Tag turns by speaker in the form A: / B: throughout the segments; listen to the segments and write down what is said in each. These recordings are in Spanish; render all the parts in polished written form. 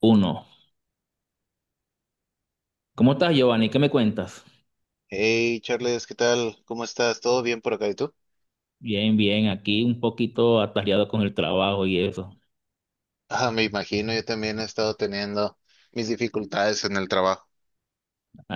A: Uno. ¿Cómo estás, Giovanni? ¿Qué me cuentas?
B: Hey, Charles, ¿qué tal? ¿Cómo estás? ¿Todo bien por acá y tú?
A: Bien, bien, aquí un poquito atareado con el trabajo y eso.
B: Ah, me imagino, yo también he estado teniendo mis dificultades en el trabajo.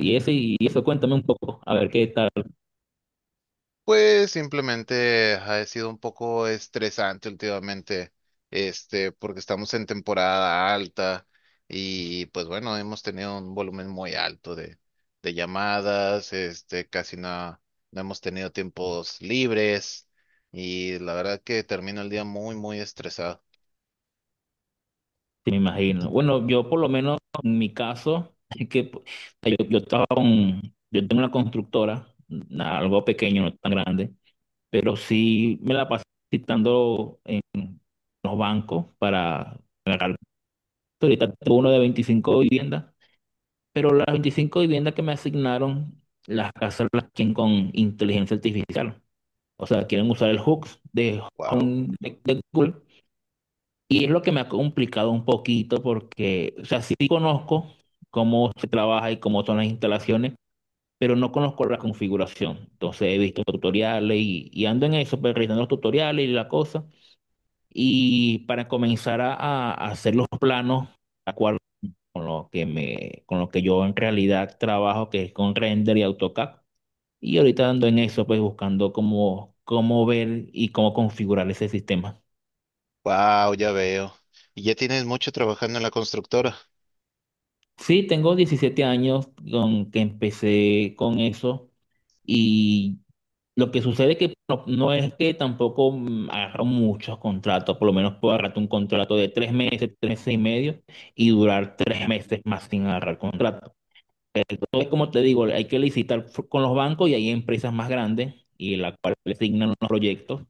A: Y eso, y eso, cuéntame un poco, a ver qué tal,
B: Pues simplemente ha sido un poco estresante últimamente, este, porque estamos en temporada alta y pues bueno, hemos tenido un volumen muy alto de llamadas, este, casi no hemos tenido tiempos libres y la verdad que termino el día muy, muy estresado.
A: te me imagino. Bueno, yo por lo menos en mi caso, es que pues, yo estaba con, yo tengo una constructora, algo pequeño, no tan grande, pero sí me la pasé citando en los bancos para pagar. Ahorita tengo uno de 25 viviendas, pero las 25 viviendas que me asignaron, las casas las quieren con inteligencia artificial. O sea, quieren usar el hooks de
B: Wow.
A: Home de Google. Y es lo que me ha complicado un poquito porque, o sea, sí conozco cómo se trabaja y cómo son las instalaciones, pero no conozco la configuración. Entonces he visto tutoriales y ando en eso, pues, revisando los tutoriales y la cosa. Y para comenzar a hacer los planos, a cual con lo que con lo que yo en realidad trabajo, que es con render y AutoCAD. Y ahorita ando en eso, pues buscando cómo, cómo ver y cómo configurar ese sistema.
B: Wow, ya veo. Y ya tienes mucho trabajando en la constructora.
A: Sí, tengo 17 años con que empecé con eso y lo que sucede es que no, no es que tampoco agarro muchos contratos, por lo menos puedo agarrar un contrato de tres meses y medio, y durar tres meses más sin agarrar contrato. Entonces, como te digo, hay que licitar con los bancos y hay empresas más grandes y la cual le asignan los proyectos,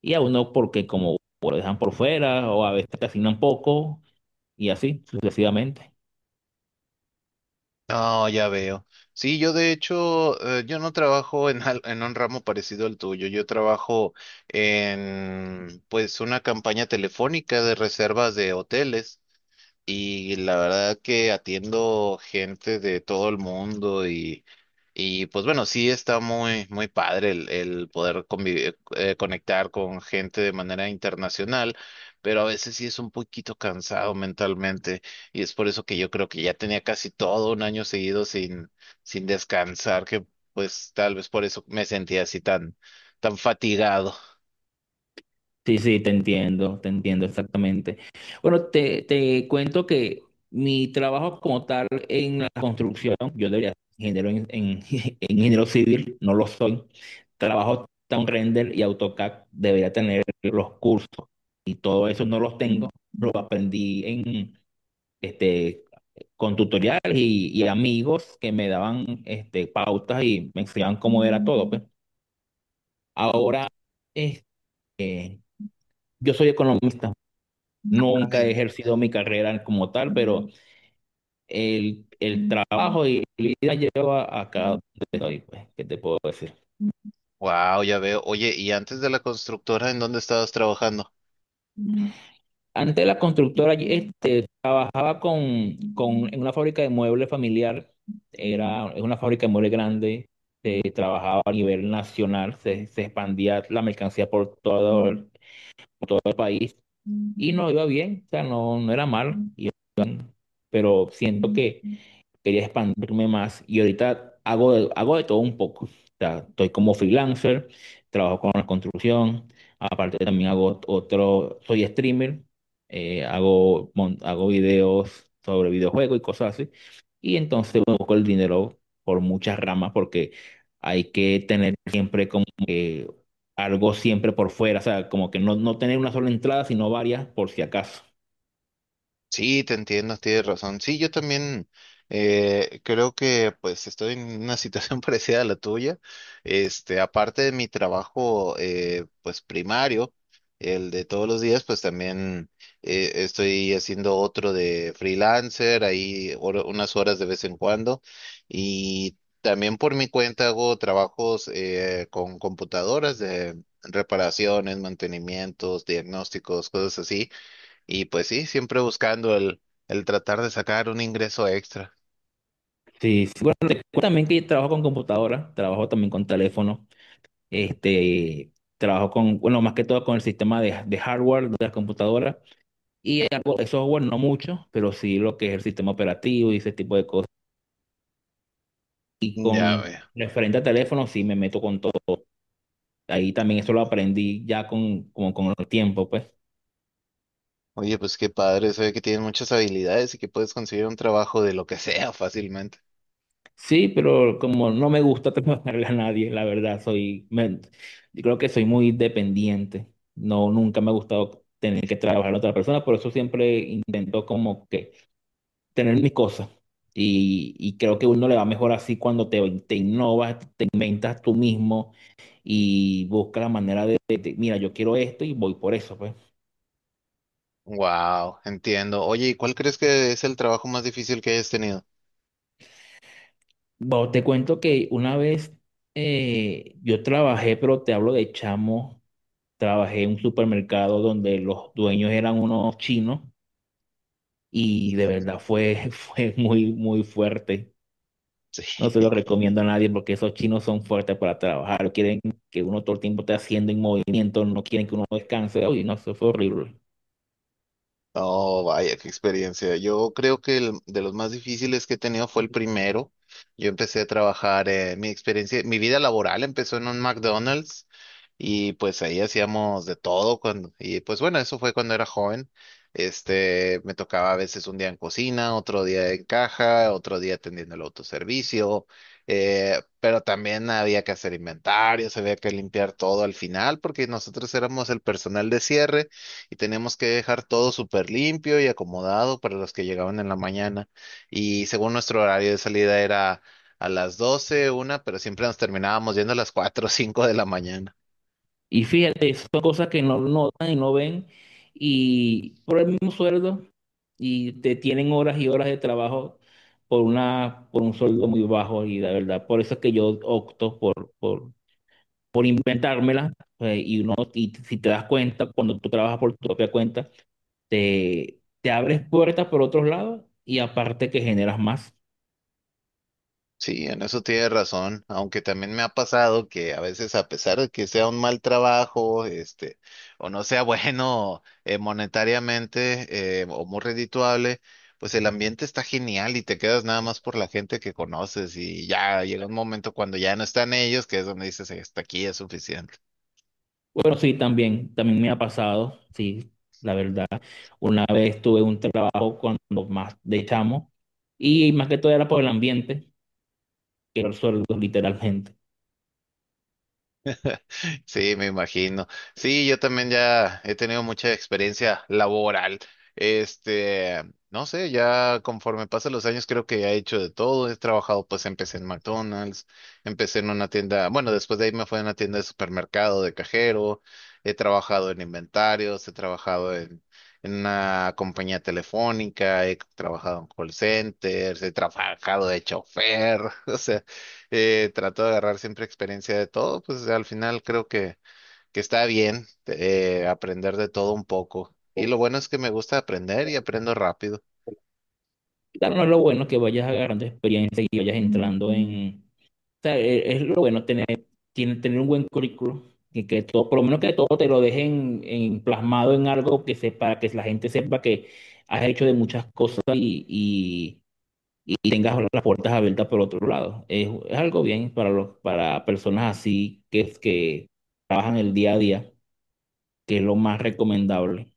A: y a uno porque como lo dejan por fuera o a veces te asignan poco, y así sucesivamente.
B: No, ya veo. Sí, yo de hecho, yo no trabajo en un ramo parecido al tuyo. Yo trabajo en, pues, una campaña telefónica de reservas de hoteles. Y la verdad que atiendo gente de todo el mundo y pues bueno, sí está muy, muy padre el poder conectar con gente de manera internacional, pero a veces sí es un poquito cansado mentalmente y es por eso que yo creo que ya tenía casi todo un año seguido sin descansar, que pues tal vez por eso me sentía así tan, tan fatigado.
A: Sí, sí, te entiendo exactamente. Bueno, te cuento que mi trabajo como tal en la construcción, yo debería ser ingeniero en ingeniero civil, no lo soy. Trabajo Town Render y AutoCAD, debería tener los cursos y todo eso no los tengo. Lo aprendí en, este, con tutoriales y amigos que me daban este, pautas y me enseñaban cómo era todo, pues. Ahora, este, yo soy economista. Nunca
B: Ay,
A: he ejercido mi carrera como tal, pero el trabajo y la vida lleva a cada estoy, pues, ¿qué te puedo decir?
B: wow, ya veo. Oye, ¿y antes de la constructora, en dónde estabas trabajando?
A: Antes la constructora, este, trabajaba en una fábrica de muebles familiar, era, es una fábrica de muebles grande, se trabajaba a nivel nacional, se expandía la mercancía por todo, por todo el país y no iba bien, o sea, no, no era mal, pero siento que quería expandirme más y ahorita hago hago de todo un poco. O sea, estoy como freelancer, trabajo con la construcción, aparte también hago otro, soy streamer, hago, hago videos sobre videojuegos y cosas así. Y entonces bueno, busco el dinero por muchas ramas porque hay que tener siempre como que algo siempre por fuera, o sea, como que no, no tener una sola entrada, sino varias por si acaso.
B: Sí, te entiendo, tienes razón. Sí, yo también creo que pues estoy en una situación parecida a la tuya. Este, aparte de mi trabajo pues primario, el de todos los días, pues también estoy haciendo otro de freelancer, ahí unas horas de vez en cuando. Y también por mi cuenta hago trabajos con computadoras de reparaciones, mantenimientos, diagnósticos, cosas así. Y pues sí, siempre buscando el tratar de sacar un ingreso extra.
A: Sí, sí, bueno, te cuento también que trabajo con computadora, trabajo también con teléfono, este, trabajo con, bueno, más que todo con el sistema de hardware de las computadoras y algo de software, no mucho, pero sí lo que es el sistema operativo y ese tipo de cosas. Y
B: Ya
A: con
B: veo.
A: referente a teléfono, sí me meto con todo. Ahí también eso lo aprendí ya con, como con el tiempo, pues.
B: Oye, pues qué padre, se ve que tienes muchas habilidades y que puedes conseguir un trabajo de lo que sea fácilmente.
A: Sí, pero como no me gusta trabajarle a nadie, la verdad, yo creo que soy muy dependiente. No, nunca me ha gustado tener que trabajar a otra persona, por eso siempre intento como que tener mis cosas. Y creo que uno le va mejor así cuando te innovas, te inventas tú mismo y buscas la manera mira, yo quiero esto y voy por eso, pues.
B: Wow, entiendo. Oye, ¿y cuál crees que es el trabajo más difícil que hayas tenido?
A: Bueno, te cuento que una vez yo trabajé, pero te hablo de chamo. Trabajé en un supermercado donde los dueños eran unos chinos y de
B: Ujú,
A: verdad fue, fue muy, muy fuerte. No se lo
B: sí.
A: recomiendo a nadie porque esos chinos son fuertes para trabajar. Quieren que uno todo el tiempo esté haciendo en movimiento, no quieren que uno descanse. Uy, no, eso fue horrible.
B: Oh, vaya, qué experiencia. Yo creo que el de los más difíciles que he tenido fue el primero. Yo empecé a trabajar, mi experiencia, mi vida laboral empezó en un McDonald's y pues ahí hacíamos de todo cuando, y pues bueno, eso fue cuando era joven. Este, me tocaba a veces un día en cocina, otro día en caja, otro día atendiendo el autoservicio, pero también había que hacer inventarios, había que limpiar todo al final porque nosotros éramos el personal de cierre y teníamos que dejar todo súper limpio y acomodado para los que llegaban en la mañana. Y según nuestro horario de salida era a las 12 o 1, pero siempre nos terminábamos yendo a las 4 o 5 de la mañana.
A: Y fíjate, son cosas que no notan y no ven y por el mismo sueldo y te tienen horas y horas de trabajo por una, por un sueldo muy bajo y la verdad, por eso es que yo opto por inventármela, y uno, y si te das cuenta, cuando tú trabajas por tu propia cuenta, te abres puertas por otros lados y aparte que generas más.
B: Sí, en eso tienes razón, aunque también me ha pasado que a veces a pesar de que sea un mal trabajo, este, o no sea bueno monetariamente o muy redituable, pues el ambiente está genial y te quedas nada más por la gente que conoces y ya llega un momento cuando ya no están ellos, que es donde dices, hasta aquí es suficiente.
A: Bueno, sí, también, también me ha pasado, sí, la verdad. Una vez tuve un trabajo cuando más de chamo y más que todo era por el ambiente, que era el sueldo, literalmente.
B: Sí, me imagino. Sí, yo también ya he tenido mucha experiencia laboral. Este, no sé, ya conforme pasan los años creo que ya he hecho de todo. He trabajado, pues empecé en McDonald's, empecé en una tienda, bueno, después de ahí me fue a una tienda de supermercado de cajero, he trabajado en inventarios, he trabajado en una compañía telefónica, he trabajado en call centers, he trabajado de chofer, o sea. Trato de agarrar siempre experiencia de todo, pues al final creo que está bien aprender de todo un poco. Y lo bueno es que me gusta aprender y aprendo rápido.
A: Claro, no es lo bueno que vayas agarrando experiencia y vayas entrando en, sea, es lo bueno tener, tener un buen currículo, que todo, por lo menos que todo te lo dejen plasmado en algo que sepa, que la gente sepa que has hecho de muchas cosas y tengas las puertas abiertas por otro lado. Es algo bien para los, para personas así que es que trabajan el día a día, que es lo más recomendable.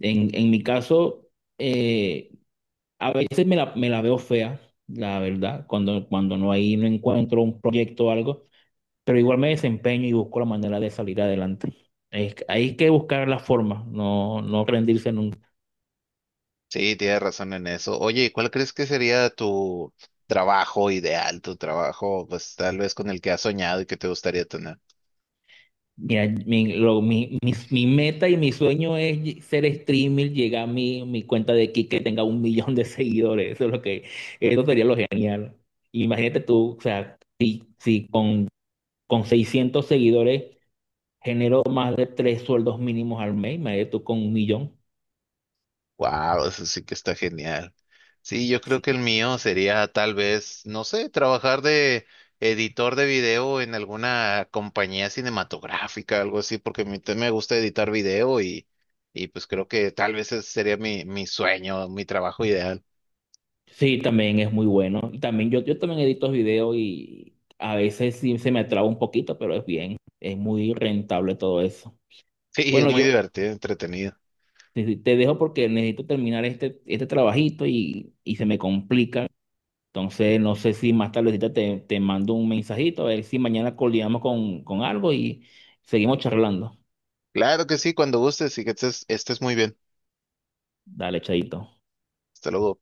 A: En mi caso, eh, a veces me la veo fea, la verdad, cuando no hay, no encuentro un proyecto o algo, pero igual me desempeño y busco la manera de salir adelante. Hay que buscar la forma, no, no rendirse nunca.
B: Sí, tienes razón en eso. Oye, ¿y cuál crees que sería tu trabajo ideal, tu trabajo, pues tal vez con el que has soñado y que te gustaría tener?
A: Mira, mi meta y mi sueño es ser streamer, llegar a mi cuenta de Kik que tenga un millón de seguidores. Eso es lo que, eso sería lo genial. Imagínate tú, o sea, si con 600 seguidores genero más de tres sueldos mínimos al mes, imagínate tú con un millón.
B: Wow, eso sí que está genial. Sí, yo creo que el
A: Sí.
B: mío sería tal vez, no sé, trabajar de editor de video en alguna compañía cinematográfica, algo así, porque a mí también me gusta editar video y pues creo que tal vez ese sería mi sueño, mi trabajo ideal.
A: Sí, también es muy bueno. Y también yo también edito videos y a veces sí se me traba un poquito, pero es bien, es muy rentable todo eso.
B: Sí, es
A: Bueno,
B: muy
A: yo
B: divertido, entretenido.
A: te dejo porque necesito terminar este, este trabajito y se me complica. Entonces, no sé si más tardecita te mando un mensajito, a ver si mañana coordinamos con algo y seguimos charlando.
B: Claro que sí, cuando gustes y que estés muy bien.
A: Dale, chaito.
B: Hasta luego.